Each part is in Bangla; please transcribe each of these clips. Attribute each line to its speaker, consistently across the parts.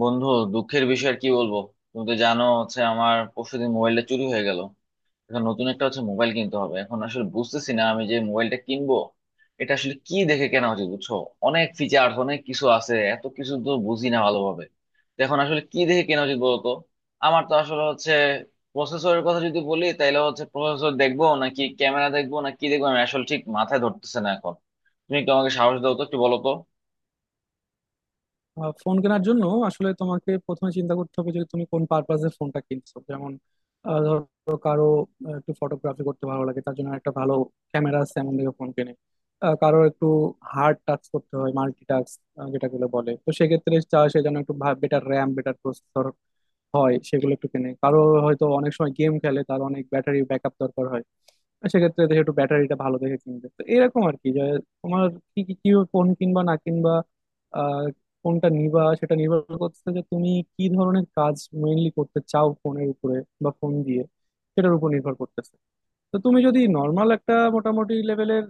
Speaker 1: বন্ধু, দুঃখের বিষয় আর কি বলবো। তুমি তো জানো হচ্ছে আমার পরশুদিন মোবাইলটা চুরি হয়ে গেল। এখন নতুন একটা হচ্ছে মোবাইল কিনতে হবে। এখন আসলে বুঝতেছি না আমি যে মোবাইলটা কিনবো এটা আসলে কি দেখে কেনা উচিত, বুঝছো? অনেক ফিচার অনেক কিছু আছে, এত কিছু তো বুঝি না ভালোভাবে। তো এখন আসলে কি দেখে কেনা উচিত বলতো? আমার তো আসলে হচ্ছে প্রসেসরের কথা যদি বলি তাহলে হচ্ছে প্রসেসর দেখবো নাকি ক্যামেরা দেখবো, না কি দেখবো আমি আসলে ঠিক মাথায় ধরতেছে না এখন। তুমি একটু আমাকে সাহস দাও তো, একটু বলো তো।
Speaker 2: ফোন কেনার জন্য আসলে তোমাকে প্রথমে চিন্তা করতে হবে যে তুমি কোন পারপাসে ফোনটা কিনছো। যেমন ধরো কারো একটু ফটোগ্রাফি করতে ভালো লাগে, তার জন্য একটা ভালো ক্যামেরা আছে এমন দেখে ফোন কেনে। কারো একটু হার্ড টাচ করতে হয়, মাল্টি টাস্ক যেটাগুলো বলে তো সেক্ষেত্রে চায় সে যেন একটু বেটার র্যাম বেটার প্রসেসর হয়, সেগুলো একটু কিনে। কারো হয়তো অনেক সময় গেম খেলে, তার অনেক ব্যাটারি ব্যাকআপ দরকার হয়, আর সেক্ষেত্রে দেখে একটু ব্যাটারিটা ভালো দেখে কিনবে। তো এরকম আর কি যে তোমার কি কি কি ফোন কিনবা না কিনবা আহ কোনটা নিবা সেটা নির্ভর করছে যে তুমি কি ধরনের কাজ মেইনলি করতে চাও ফোনের উপরে বা ফোন দিয়ে, সেটার উপর নির্ভর করতেছে। তো তুমি যদি নর্মাল একটা মোটামুটি লেভেলের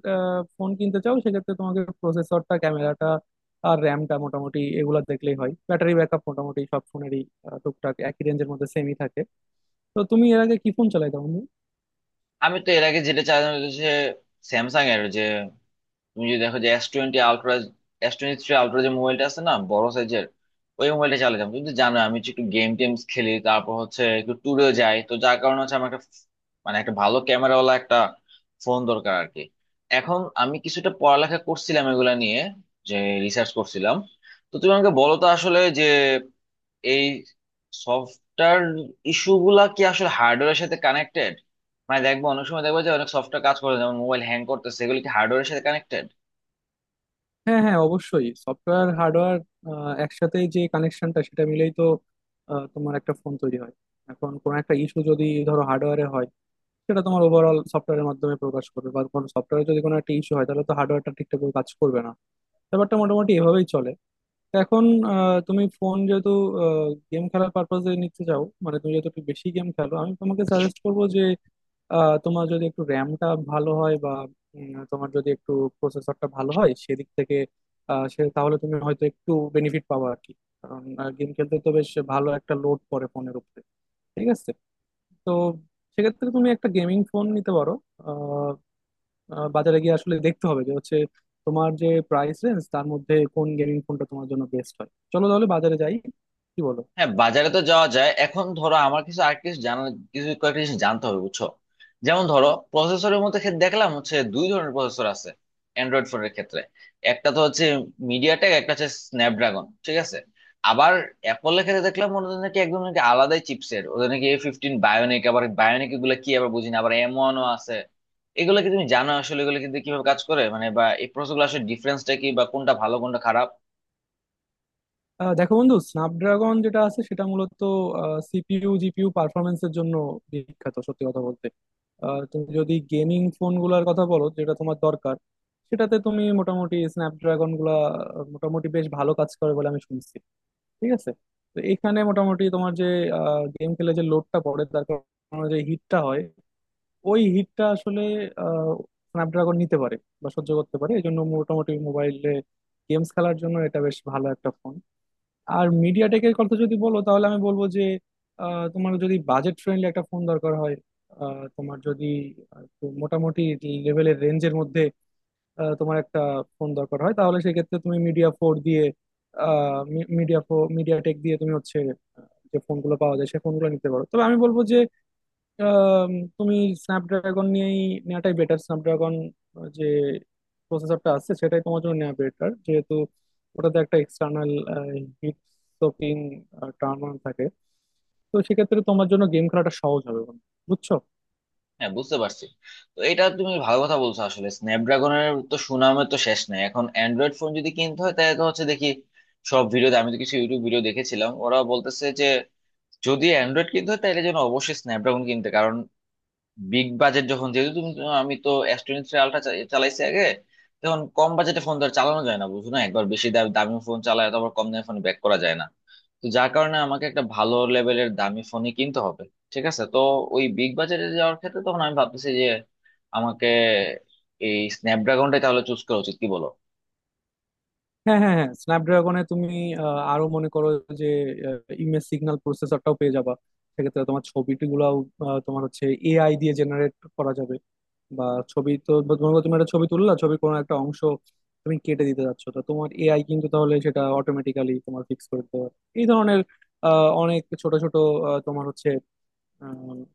Speaker 2: ফোন কিনতে চাও সেক্ষেত্রে তোমাকে প্রসেসরটা, ক্যামেরাটা আর র্যামটা মোটামুটি এগুলা দেখলেই হয়। ব্যাটারি ব্যাকআপ মোটামুটি সব ফোনেরই টুকটাক একই রেঞ্জের মধ্যে সেমই থাকে। তো তুমি এর আগে কি ফোন চালাইতা বন্ধু?
Speaker 1: আমি তো এর আগে যেটা চাইলাম যে স্যামসাং এর যে, তুমি যদি দেখো যে S20 Ultra, S23 Ultra যে মোবাইলটা আছে না বড় সাইজের, ওই মোবাইলটা চালিয়ে যাবো। তুমি তো জানো আমি হচ্ছে একটু গেম টেমস খেলি, তারপর হচ্ছে একটু ট্যুরেও যাই, তো যার কারণে হচ্ছে আমার একটা মানে একটা ভালো ক্যামেরাওয়ালা একটা ফোন দরকার আর কি। এখন আমি কিছুটা পড়ালেখা করছিলাম এগুলা নিয়ে, যে রিসার্চ করছিলাম। তো তুমি আমাকে বলো তো আসলে যে এই সফটওয়্যার ইস্যু গুলা কি আসলে হার্ডওয়্যারের সাথে কানেক্টেড? মানে দেখবো অনেক সময় দেখবো যে অনেক সফটওয়্যার কাজ করে না, যেমন মোবাইল হ্যাং করতেছে, এগুলো কি হার্ডওয়্যারের সাথে কানেক্টেড?
Speaker 2: হ্যাঁ হ্যাঁ অবশ্যই সফটওয়্যার হার্ডওয়্যার একসাথে যে কানেকশনটা সেটা মিলেই তো তোমার একটা ফোন তৈরি হয়। এখন কোনো একটা ইস্যু যদি ধরো হার্ডওয়্যারে হয় সেটা তোমার ওভারঅল সফটওয়্যারের মাধ্যমে প্রকাশ করবে, বা কোনো সফটওয়্যারে যদি কোনো একটা ইস্যু হয় তাহলে তো হার্ডওয়্যারটা ঠিকঠাক করে কাজ করবে না। ব্যাপারটা মোটামুটি এভাবেই চলে। তো এখন তুমি ফোন যেহেতু গেম খেলার পারপাসে নিতে চাও, মানে তুমি যেহেতু একটু বেশি গেম খেলো, আমি তোমাকে সাজেস্ট করবো যে তোমার যদি একটু র্যামটা ভালো হয় বা তোমার যদি একটু প্রসেসরটা ভালো হয় সেদিক থেকে সে তাহলে তুমি হয়তো একটু বেনিফিট পাবো আর কি। কারণ গেম খেলতে তো বেশ ভালো একটা লোড পড়ে ফোনের উপরে। ঠিক আছে। তো সেক্ষেত্রে তুমি একটা গেমিং ফোন নিতে পারো। বাজারে গিয়ে আসলে দেখতে হবে যে হচ্ছে তোমার যে প্রাইস রেঞ্জ তার মধ্যে কোন গেমিং ফোনটা তোমার জন্য বেস্ট হয়। চলো তাহলে বাজারে যাই, কি বলো?
Speaker 1: হ্যাঁ, বাজারে তো যাওয়া যায়। এখন ধরো আমার কিছু আর কিছু জানা কিছু কয়েকটা জিনিস জানতে হবে, বুঝছো। যেমন ধরো প্রসেসরের মধ্যে ক্ষেত্রে দেখলাম হচ্ছে দুই ধরনের প্রসেসর আছে অ্যান্ড্রয়েড ফোনের ক্ষেত্রে। একটা তো হচ্ছে মিডিয়াটেক, একটা হচ্ছে স্ন্যাপড্রাগন, ঠিক আছে। আবার অ্যাপলের ক্ষেত্রে দেখলাম ওদের নাকি একদম নাকি আলাদাই চিপসেট, ওদের নাকি A15 Bionic, আবার বায়োনিক এগুলো কি আবার বুঝিনা, আবার এম ওয়ানও আছে। এগুলো কি তুমি জানো আসলে এগুলো কিন্তু কিভাবে কাজ করে, মানে বা এই প্রসেসগুলো আসলে ডিফারেন্সটা কি, বা কোনটা ভালো কোনটা খারাপ?
Speaker 2: দেখো বন্ধু, স্ন্যাপড্রাগন যেটা আছে সেটা মূলত সিপিইউ জিপিইউ পারফরমেন্সের জন্য বিখ্যাত, সত্যি কথা বলতে। তুমি যদি গেমিং ফোন গুলার কথা বলো যেটা তোমার দরকার, সেটাতে তুমি মোটামুটি স্ন্যাপড্রাগন গুলা মোটামুটি বেশ ভালো কাজ করে বলে আমি শুনছি। ঠিক আছে। তো এখানে মোটামুটি তোমার যে গেম খেলে যে লোডটা পড়ে তার কারণে যে হিটটা হয়, ওই হিটটা আসলে আহ, স্ন্যাপড্রাগন নিতে পারে বা সহ্য করতে পারে। এই জন্য মোটামুটি মোবাইলে গেমস খেলার জন্য এটা বেশ ভালো একটা ফোন। আর মিডিয়া টেকের কথা যদি বলো তাহলে আমি বলবো যে তোমার যদি বাজেট ফ্রেন্ডলি একটা ফোন দরকার হয় তোমার যদি একটু মোটামুটি লেভেলের রেঞ্জের মধ্যে তোমার একটা ফোন দরকার হয়, তাহলে সেক্ষেত্রে তুমি মিডিয়া ফোর দিয়ে মিডিয়া ফোর মিডিয়া টেক দিয়ে তুমি হচ্ছে যে ফোনগুলো পাওয়া যায় সে ফোনগুলো নিতে পারো। তবে আমি বলবো যে আম, তুমি স্ন্যাপড্রাগন নিয়েই নেওয়াটাই বেটার। স্ন্যাপড্রাগন যে প্রসেসরটা আছে সেটাই তোমার জন্য নেওয়া বেটার যেহেতু ওটাতে একটা external heat soaking turn on থাকে। তো সেক্ষেত্রে তোমার জন্য গেম খেলাটা সহজ হবে বন্ধু। বুঝছো?
Speaker 1: হ্যাঁ, বুঝতে পারছি। তো এটা তুমি ভালো কথা বলছো, আসলে স্ন্যাপড্রাগনের তো সুনামের তো শেষ নাই। এখন অ্যান্ড্রয়েড ফোন যদি কিনতে হয় তাহলে তো হচ্ছে দেখি সব ভিডিওতে, আমি তো কিছু ইউটিউব ভিডিও দেখেছিলাম, ওরা বলতেছে যে যদি অ্যান্ড্রয়েড কিনতে হয় তাহলে যেন অবশ্যই স্ন্যাপড্রাগন কিনতে, কারণ বিগ বাজেট যখন যেহেতু তুমি, আমি তো S23 Ultra চালাইছি আগে। তখন কম বাজেটে ফোন তো আর চালানো যায় না, বুঝো না, একবার বেশি দাম দামি ফোন চালায় তো আবার কম দামি ফোন ব্যাক করা যায় না। তো যার কারণে আমাকে একটা ভালো লেভেলের দামি ফোনই কিনতে হবে, ঠিক আছে। তো ওই বিগ বাজারে যাওয়ার ক্ষেত্রে তখন আমি ভাবতেছি যে আমাকে এই স্ন্যাপড্রাগনটাই তাহলে চুজ করা উচিত, কি বলো?
Speaker 2: হ্যাঁ হ্যাঁ হ্যাঁ স্ন্যাপড্রাগনে তুমি আরো মনে করো যে ইমেজ সিগন্যাল প্রসেসরটাও পেয়ে যাবা। সেক্ষেত্রে তোমার ছবিটি গুলাও তোমার হচ্ছে এআই দিয়ে জেনারেট করা যাবে। বা ছবি তো মনে করো তুমি একটা ছবি তুললা, ছবির কোনো একটা অংশ তুমি কেটে দিতে যাচ্ছ, তো তোমার এআই কিন্তু তাহলে সেটা অটোমেটিক্যালি তোমার ফিক্স করে দিতে পারে। এই ধরনের অনেক ছোট ছোট তোমার হচ্ছে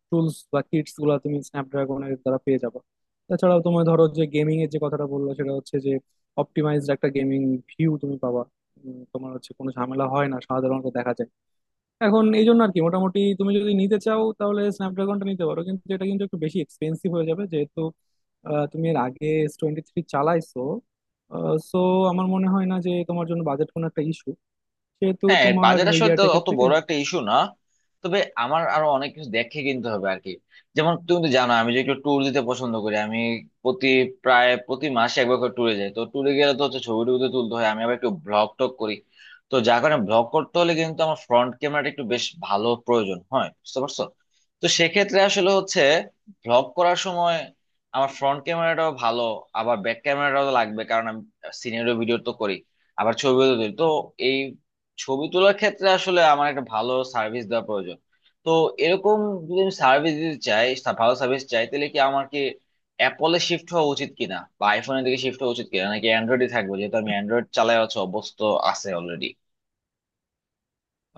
Speaker 2: টুলস বা কিটস গুলা তুমি স্ন্যাপড্রাগনের দ্বারা পেয়ে যাবে। তাছাড়াও তোমার ধরো যে গেমিং এর যে কথাটা বললো সেটা হচ্ছে যে অপটিমাইজড একটা গেমিং ভিউ তুমি পাবা। তোমার হচ্ছে কোনো ঝামেলা হয় না সাধারণত দেখা যায়। এখন এই জন্য আর কি মোটামুটি তুমি যদি নিতে চাও তাহলে স্ন্যাপড্রাগনটা নিতে পারো, কিন্তু এটা কিন্তু একটু বেশি এক্সপেন্সিভ হয়ে যাবে যেহেতু তুমি এর আগে S23 চালাইছো। সো আমার মনে হয় না যে তোমার জন্য বাজেট কোনো একটা ইস্যু, সেহেতু
Speaker 1: হ্যাঁ,
Speaker 2: তোমার
Speaker 1: বাজেট আসলে তো
Speaker 2: মিডিয়াটেকের
Speaker 1: অত
Speaker 2: থেকে
Speaker 1: বড় একটা ইস্যু না, তবে আমার আরো অনেক কিছু দেখে কিনতে হবে আর কি। যেমন তুমি তো জানো আমি যে একটু ট্যুর দিতে পছন্দ করি, আমি প্রতি প্রায় প্রতি মাসে একবার করে ট্যুরে যাই। তো ট্যুরে গেলে তো হচ্ছে ছবি টবি তো তুলতে হয়, আমি আবার একটু ব্লগ টক করি। তো যার কারণে ব্লগ করতে হলে কিন্তু আমার ফ্রন্ট ক্যামেরাটা একটু বেশ ভালো প্রয়োজন হয়, বুঝতে পারছো। তো সেক্ষেত্রে আসলে হচ্ছে ব্লগ করার সময় আমার ফ্রন্ট ক্যামেরাটাও ভালো, আবার ব্যাক ক্যামেরাটাও লাগবে, কারণ আমি সিনিয়র ভিডিও তো করি, আবার ছবিও তো তুলি। তো এই ছবি তোলার ক্ষেত্রে আসলে আমার একটা ভালো সার্ভিস দেওয়া প্রয়োজন। তো এরকম যদি আমি সার্ভিস দিতে চাই, ভালো সার্ভিস চাই, তাহলে কি আমার কি অ্যাপলে শিফট হওয়া উচিত কিনা, বা আইফোনের দিকে শিফট হওয়া উচিত কিনা, নাকি অ্যান্ড্রয়েডে থাকবো যেহেতু আমি অ্যান্ড্রয়েড চালাই, হচ্ছে অভ্যস্ত আছে অলরেডি।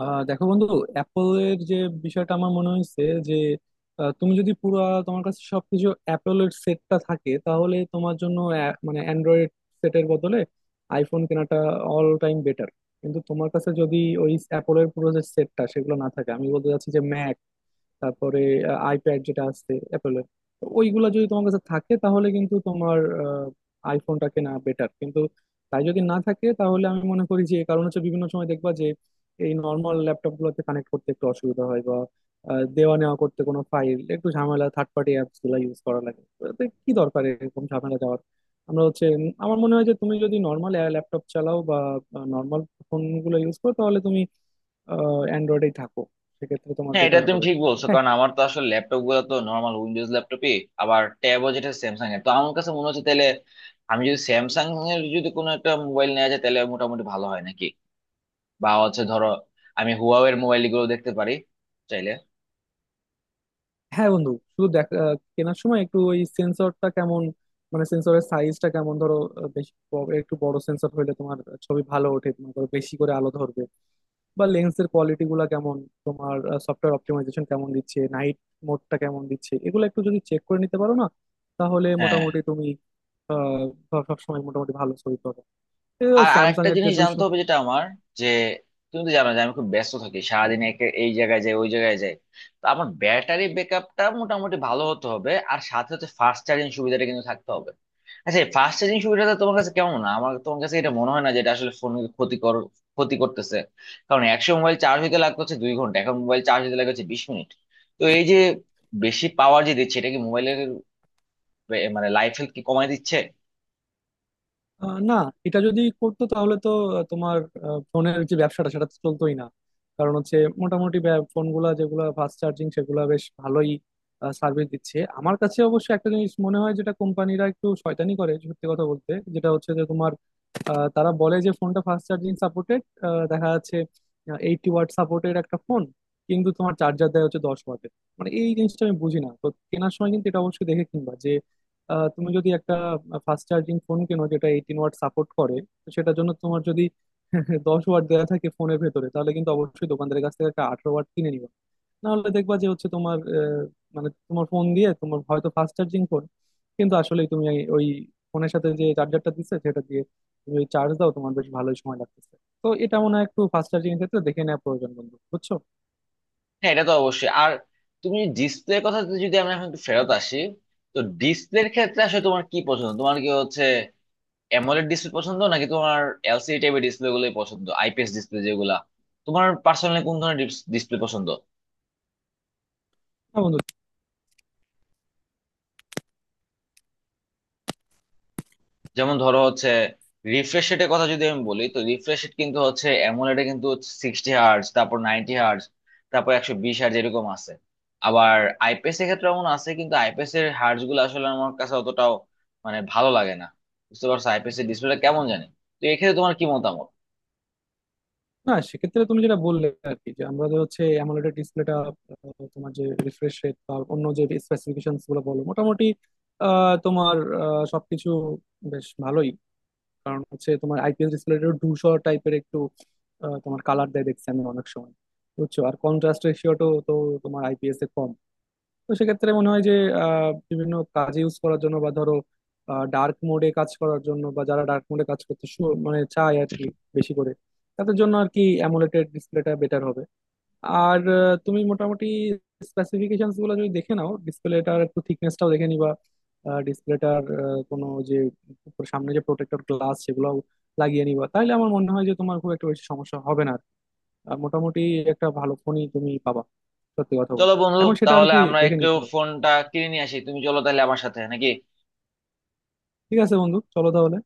Speaker 2: দেখো বন্ধু, অ্যাপলের যে বিষয়টা আমার মনে হয়েছে যে তুমি যদি পুরো তোমার কাছে সবকিছু অ্যাপলের সেটটা থাকে তাহলে তোমার জন্য মানে অ্যান্ড্রয়েড সেটের বদলে আইফোন কেনাটা অল টাইম বেটার। কিন্তু তোমার কাছে যদি ওই অ্যাপলের পুরো যে সেটটা সেগুলো না থাকে, আমি বলতে চাচ্ছি যে ম্যাক, তারপরে আইপ্যাড যেটা আছে অ্যাপেলের ওইগুলা যদি তোমার কাছে থাকে তাহলে কিন্তু তোমার আইফোনটা কেনা বেটার। কিন্তু তাই যদি না থাকে তাহলে আমি মনে করি যে কারণ হচ্ছে বিভিন্ন সময় দেখবা যে এই নর্মাল ল্যাপটপ গুলোতে কানেক্ট করতে একটু অসুবিধা হয় বা দেওয়া নেওয়া করতে কোনো ফাইল একটু ঝামেলা, থার্ড পার্টি অ্যাপস গুলা ইউজ করা লাগে। তো এতে কি দরকার এরকম ঝামেলা যাওয়ার। আমরা হচ্ছে আমার মনে হয় যে তুমি যদি নর্মাল ল্যাপটপ চালাও বা নর্মাল ফোন গুলো ইউজ করো তাহলে তুমি অ্যান্ড্রয়েডেই থাকো, সেক্ষেত্রে তোমার
Speaker 1: হ্যাঁ, এটা
Speaker 2: বেটার
Speaker 1: তুমি
Speaker 2: হবে।
Speaker 1: ঠিক বলছো,
Speaker 2: হ্যাঁ
Speaker 1: কারণ আমার তো আসলে ল্যাপটপ গুলো তো নর্মাল উইন্ডোজ ল্যাপটপই। আবার ট্যাবও যেটা স্যামসাং এর। তো আমার কাছে মনে হচ্ছে তাহলে আমি যদি স্যামসাং এর যদি কোনো একটা মোবাইল নেওয়া যায় তাহলে মোটামুটি ভালো হয় নাকি, বা হচ্ছে ধরো আমি হুয়াওয়ের মোবাইল গুলো দেখতে পারি চাইলে।
Speaker 2: হ্যাঁ বন্ধু। শুধু দেখা কেনার সময় একটু ওই সেন্সরটা কেমন, মানে সেন্সরের সাইজটা কেমন। ধরো বেশি একটু বড় সেন্সর হইলে তোমার ছবি ভালো ওঠে, তোমার ধরো বেশি করে আলো ধরবে। বা লেন্সের কোয়ালিটি গুলা কেমন, তোমার সফটওয়্যার অপটিমাইজেশন কেমন দিচ্ছে, নাইট মোডটা কেমন দিচ্ছে, এগুলো একটু যদি চেক করে নিতে পারো না তাহলে
Speaker 1: হ্যাঁ।
Speaker 2: মোটামুটি তুমি আহ, সবসময় মোটামুটি ভালো ছবি পাবে।
Speaker 1: আর
Speaker 2: স্যামসাং
Speaker 1: আরেকটা
Speaker 2: এর যে
Speaker 1: জিনিস
Speaker 2: 200
Speaker 1: জানতে হবে যেটা আমার, যে তুমি তো জানো যে আমি খুব ব্যস্ত থাকি সারাদিন, একে এই জায়গায় যাই ওই জায়গায় যাই। তো আমার ব্যাটারি ব্যাকআপটা মোটামুটি ভালো হতে হবে, আর সাথে সাথে ফাস্ট চার্জিং সুবিধাটা কিন্তু থাকতে হবে। আচ্ছা, এই ফাস্ট চার্জিং সুবিধাটা তোমার কাছে কেমন, না আমার তোমার কাছে এটা মনে হয় না যে এটা আসলে ফোন ক্ষতি করতেছে? কারণ একশো মোবাইল চার্জ হইতে লাগতো হচ্ছে 2 ঘন্টা, এখন মোবাইল চার্জ হইতে লাগে হচ্ছে 20 মিনিট। তো এই যে বেশি পাওয়ার যে দিচ্ছে এটা কি মোবাইলের মানে লাইফ হেল্থ কি কমায় দিচ্ছে?
Speaker 2: না, এটা যদি করতো তাহলে তো তোমার ফোনের যে ব্যবসাটা সেটা তো চলতোই না। কারণ হচ্ছে মোটামুটি ফোনগুলা যেগুলো ফাস্ট চার্জিং সেগুলো বেশ ভালোই সার্ভিস দিচ্ছে। আমার কাছে অবশ্য একটা জিনিস মনে হয় যেটা কোম্পানিরা একটু শয়তানি করে সত্যি কথা বলতে, যেটা হচ্ছে যে তোমার তারা বলে যে ফোনটা ফাস্ট চার্জিং সাপোর্টেড, দেখা যাচ্ছে 80 ওয়াট সাপোর্টেড একটা ফোন, কিন্তু তোমার চার্জার দেয় হচ্ছে 10 ওয়াটের। মানে এই জিনিসটা আমি বুঝি না। তো কেনার সময় কিন্তু এটা অবশ্যই দেখে কিনবা। তুমি যদি একটা ফাস্ট চার্জিং ফোন কেনো যেটা 18 ওয়াট সাপোর্ট করে, তো সেটার জন্য তোমার যদি 10 ওয়াট দেওয়া থাকে ফোনের ভেতরে, তাহলে কিন্তু অবশ্যই দোকানদারের কাছ থেকে একটা 18 ওয়াট কিনে নিবা। নাহলে দেখবা যে হচ্ছে তোমার মানে তোমার ফোন দিয়ে তোমার হয়তো ফাস্ট চার্জিং ফোন কিন্তু আসলে তুমি ওই ফোনের সাথে যে চার্জারটা দিচ্ছে সেটা দিয়ে তুমি ওই চার্জ দাও, তোমার বেশ ভালোই সময় লাগতেছে। তো এটা মনে হয় একটু ফাস্ট চার্জিং এর ক্ষেত্রে দেখে নেওয়া প্রয়োজন বন্ধু, বুঝছো?
Speaker 1: হ্যাঁ, এটা তো অবশ্যই। আর তুমি ডিসপ্লের কথা যদি যদি আমরা এখন একটু ফেরত আসি, তো ডিসপ্লের ক্ষেত্রে আসলে তোমার কি পছন্দ, তোমার কি হচ্ছে অ্যামোলেড ডিসপ্লে পছন্দ নাকি তোমার এলসিডি টাইপের ডিসপ্লে গুলোই পছন্দ, আইপিএস ডিসপ্লে যেগুলা? তোমার পার্সোনালি কোন ধরনের ডিসপ্লে পছন্দ?
Speaker 2: না বন্ধু।
Speaker 1: যেমন ধরো হচ্ছে রিফ্রেশ রেটের কথা যদি আমি বলি, তো রিফ্রেশ রেট কিন্তু হচ্ছে এমন, এটা কিন্তু 60 Hz, তারপর 90 Hz, তারপর 120 Hz, এরকম আছে। আবার আইপিএস এর ক্ষেত্রে এমন আছে, কিন্তু আইপিএস এর হার্জ গুলো আসলে আমার কাছে অতটাও মানে ভালো লাগে না, বুঝতে পারছো, আইপিএস এর ডিসপ্লেটা কেমন জানি। তো এক্ষেত্রে তোমার কি মতামত?
Speaker 2: না, সেক্ষেত্রে তুমি যেটা বললে আর কি, যে আমরা যে হচ্ছে অ্যামোলেড ডিসপ্লেটা, তোমার যে রিফ্রেশ রেট বা অন্য যে স্পেসিফিকেশন গুলো বলো মোটামুটি তোমার সবকিছু বেশ ভালোই। কারণ হচ্ছে তোমার আইপিএস ডিসপ্লেটা ধূসর টাইপের একটু তোমার কালার দেয় দেখছি আমি অনেক সময়, বুঝছো? আর কন্ট্রাস্ট রেশিওটাও তো তোমার আইপিএস এর কম। তো সেক্ষেত্রে মনে হয় যে বিভিন্ন কাজে ইউজ করার জন্য বা ধরো ডার্ক মোডে কাজ করার জন্য, বা যারা ডার্ক মোডে কাজ করতে মানে চায় আর কি বেশি করে, তাদের জন্য আর কি অ্যামোলেড ডিসপ্লেটা বেটার হবে। আর তুমি মোটামুটি স্পেসিফিকেশনস গুলো যদি দেখে নাও, ডিসপ্লেটার একটু থিকনেসটাও দেখে নিবা। ডিসপ্লেটার কোনো যে উপর সামনে যে প্রোটেক্টর গ্লাস সেগুলো লাগিয়ে নিবা তাহলে আমার মনে হয় যে তোমার খুব একটা বেশি সমস্যা হবে না আর কি। আর মোটামুটি একটা ভালো ফোনই তুমি পাবা। সত্যি কথা
Speaker 1: চলো
Speaker 2: বলতে
Speaker 1: বন্ধু,
Speaker 2: এখন সেটা আর
Speaker 1: তাহলে
Speaker 2: কি
Speaker 1: আমরা
Speaker 2: দেখে
Speaker 1: একটু
Speaker 2: নিতে হবে।
Speaker 1: ফোনটা কিনে নিয়ে আসি, তুমি চলো তাহলে আমার সাথে নাকি।
Speaker 2: ঠিক আছে বন্ধু, চলো তাহলে।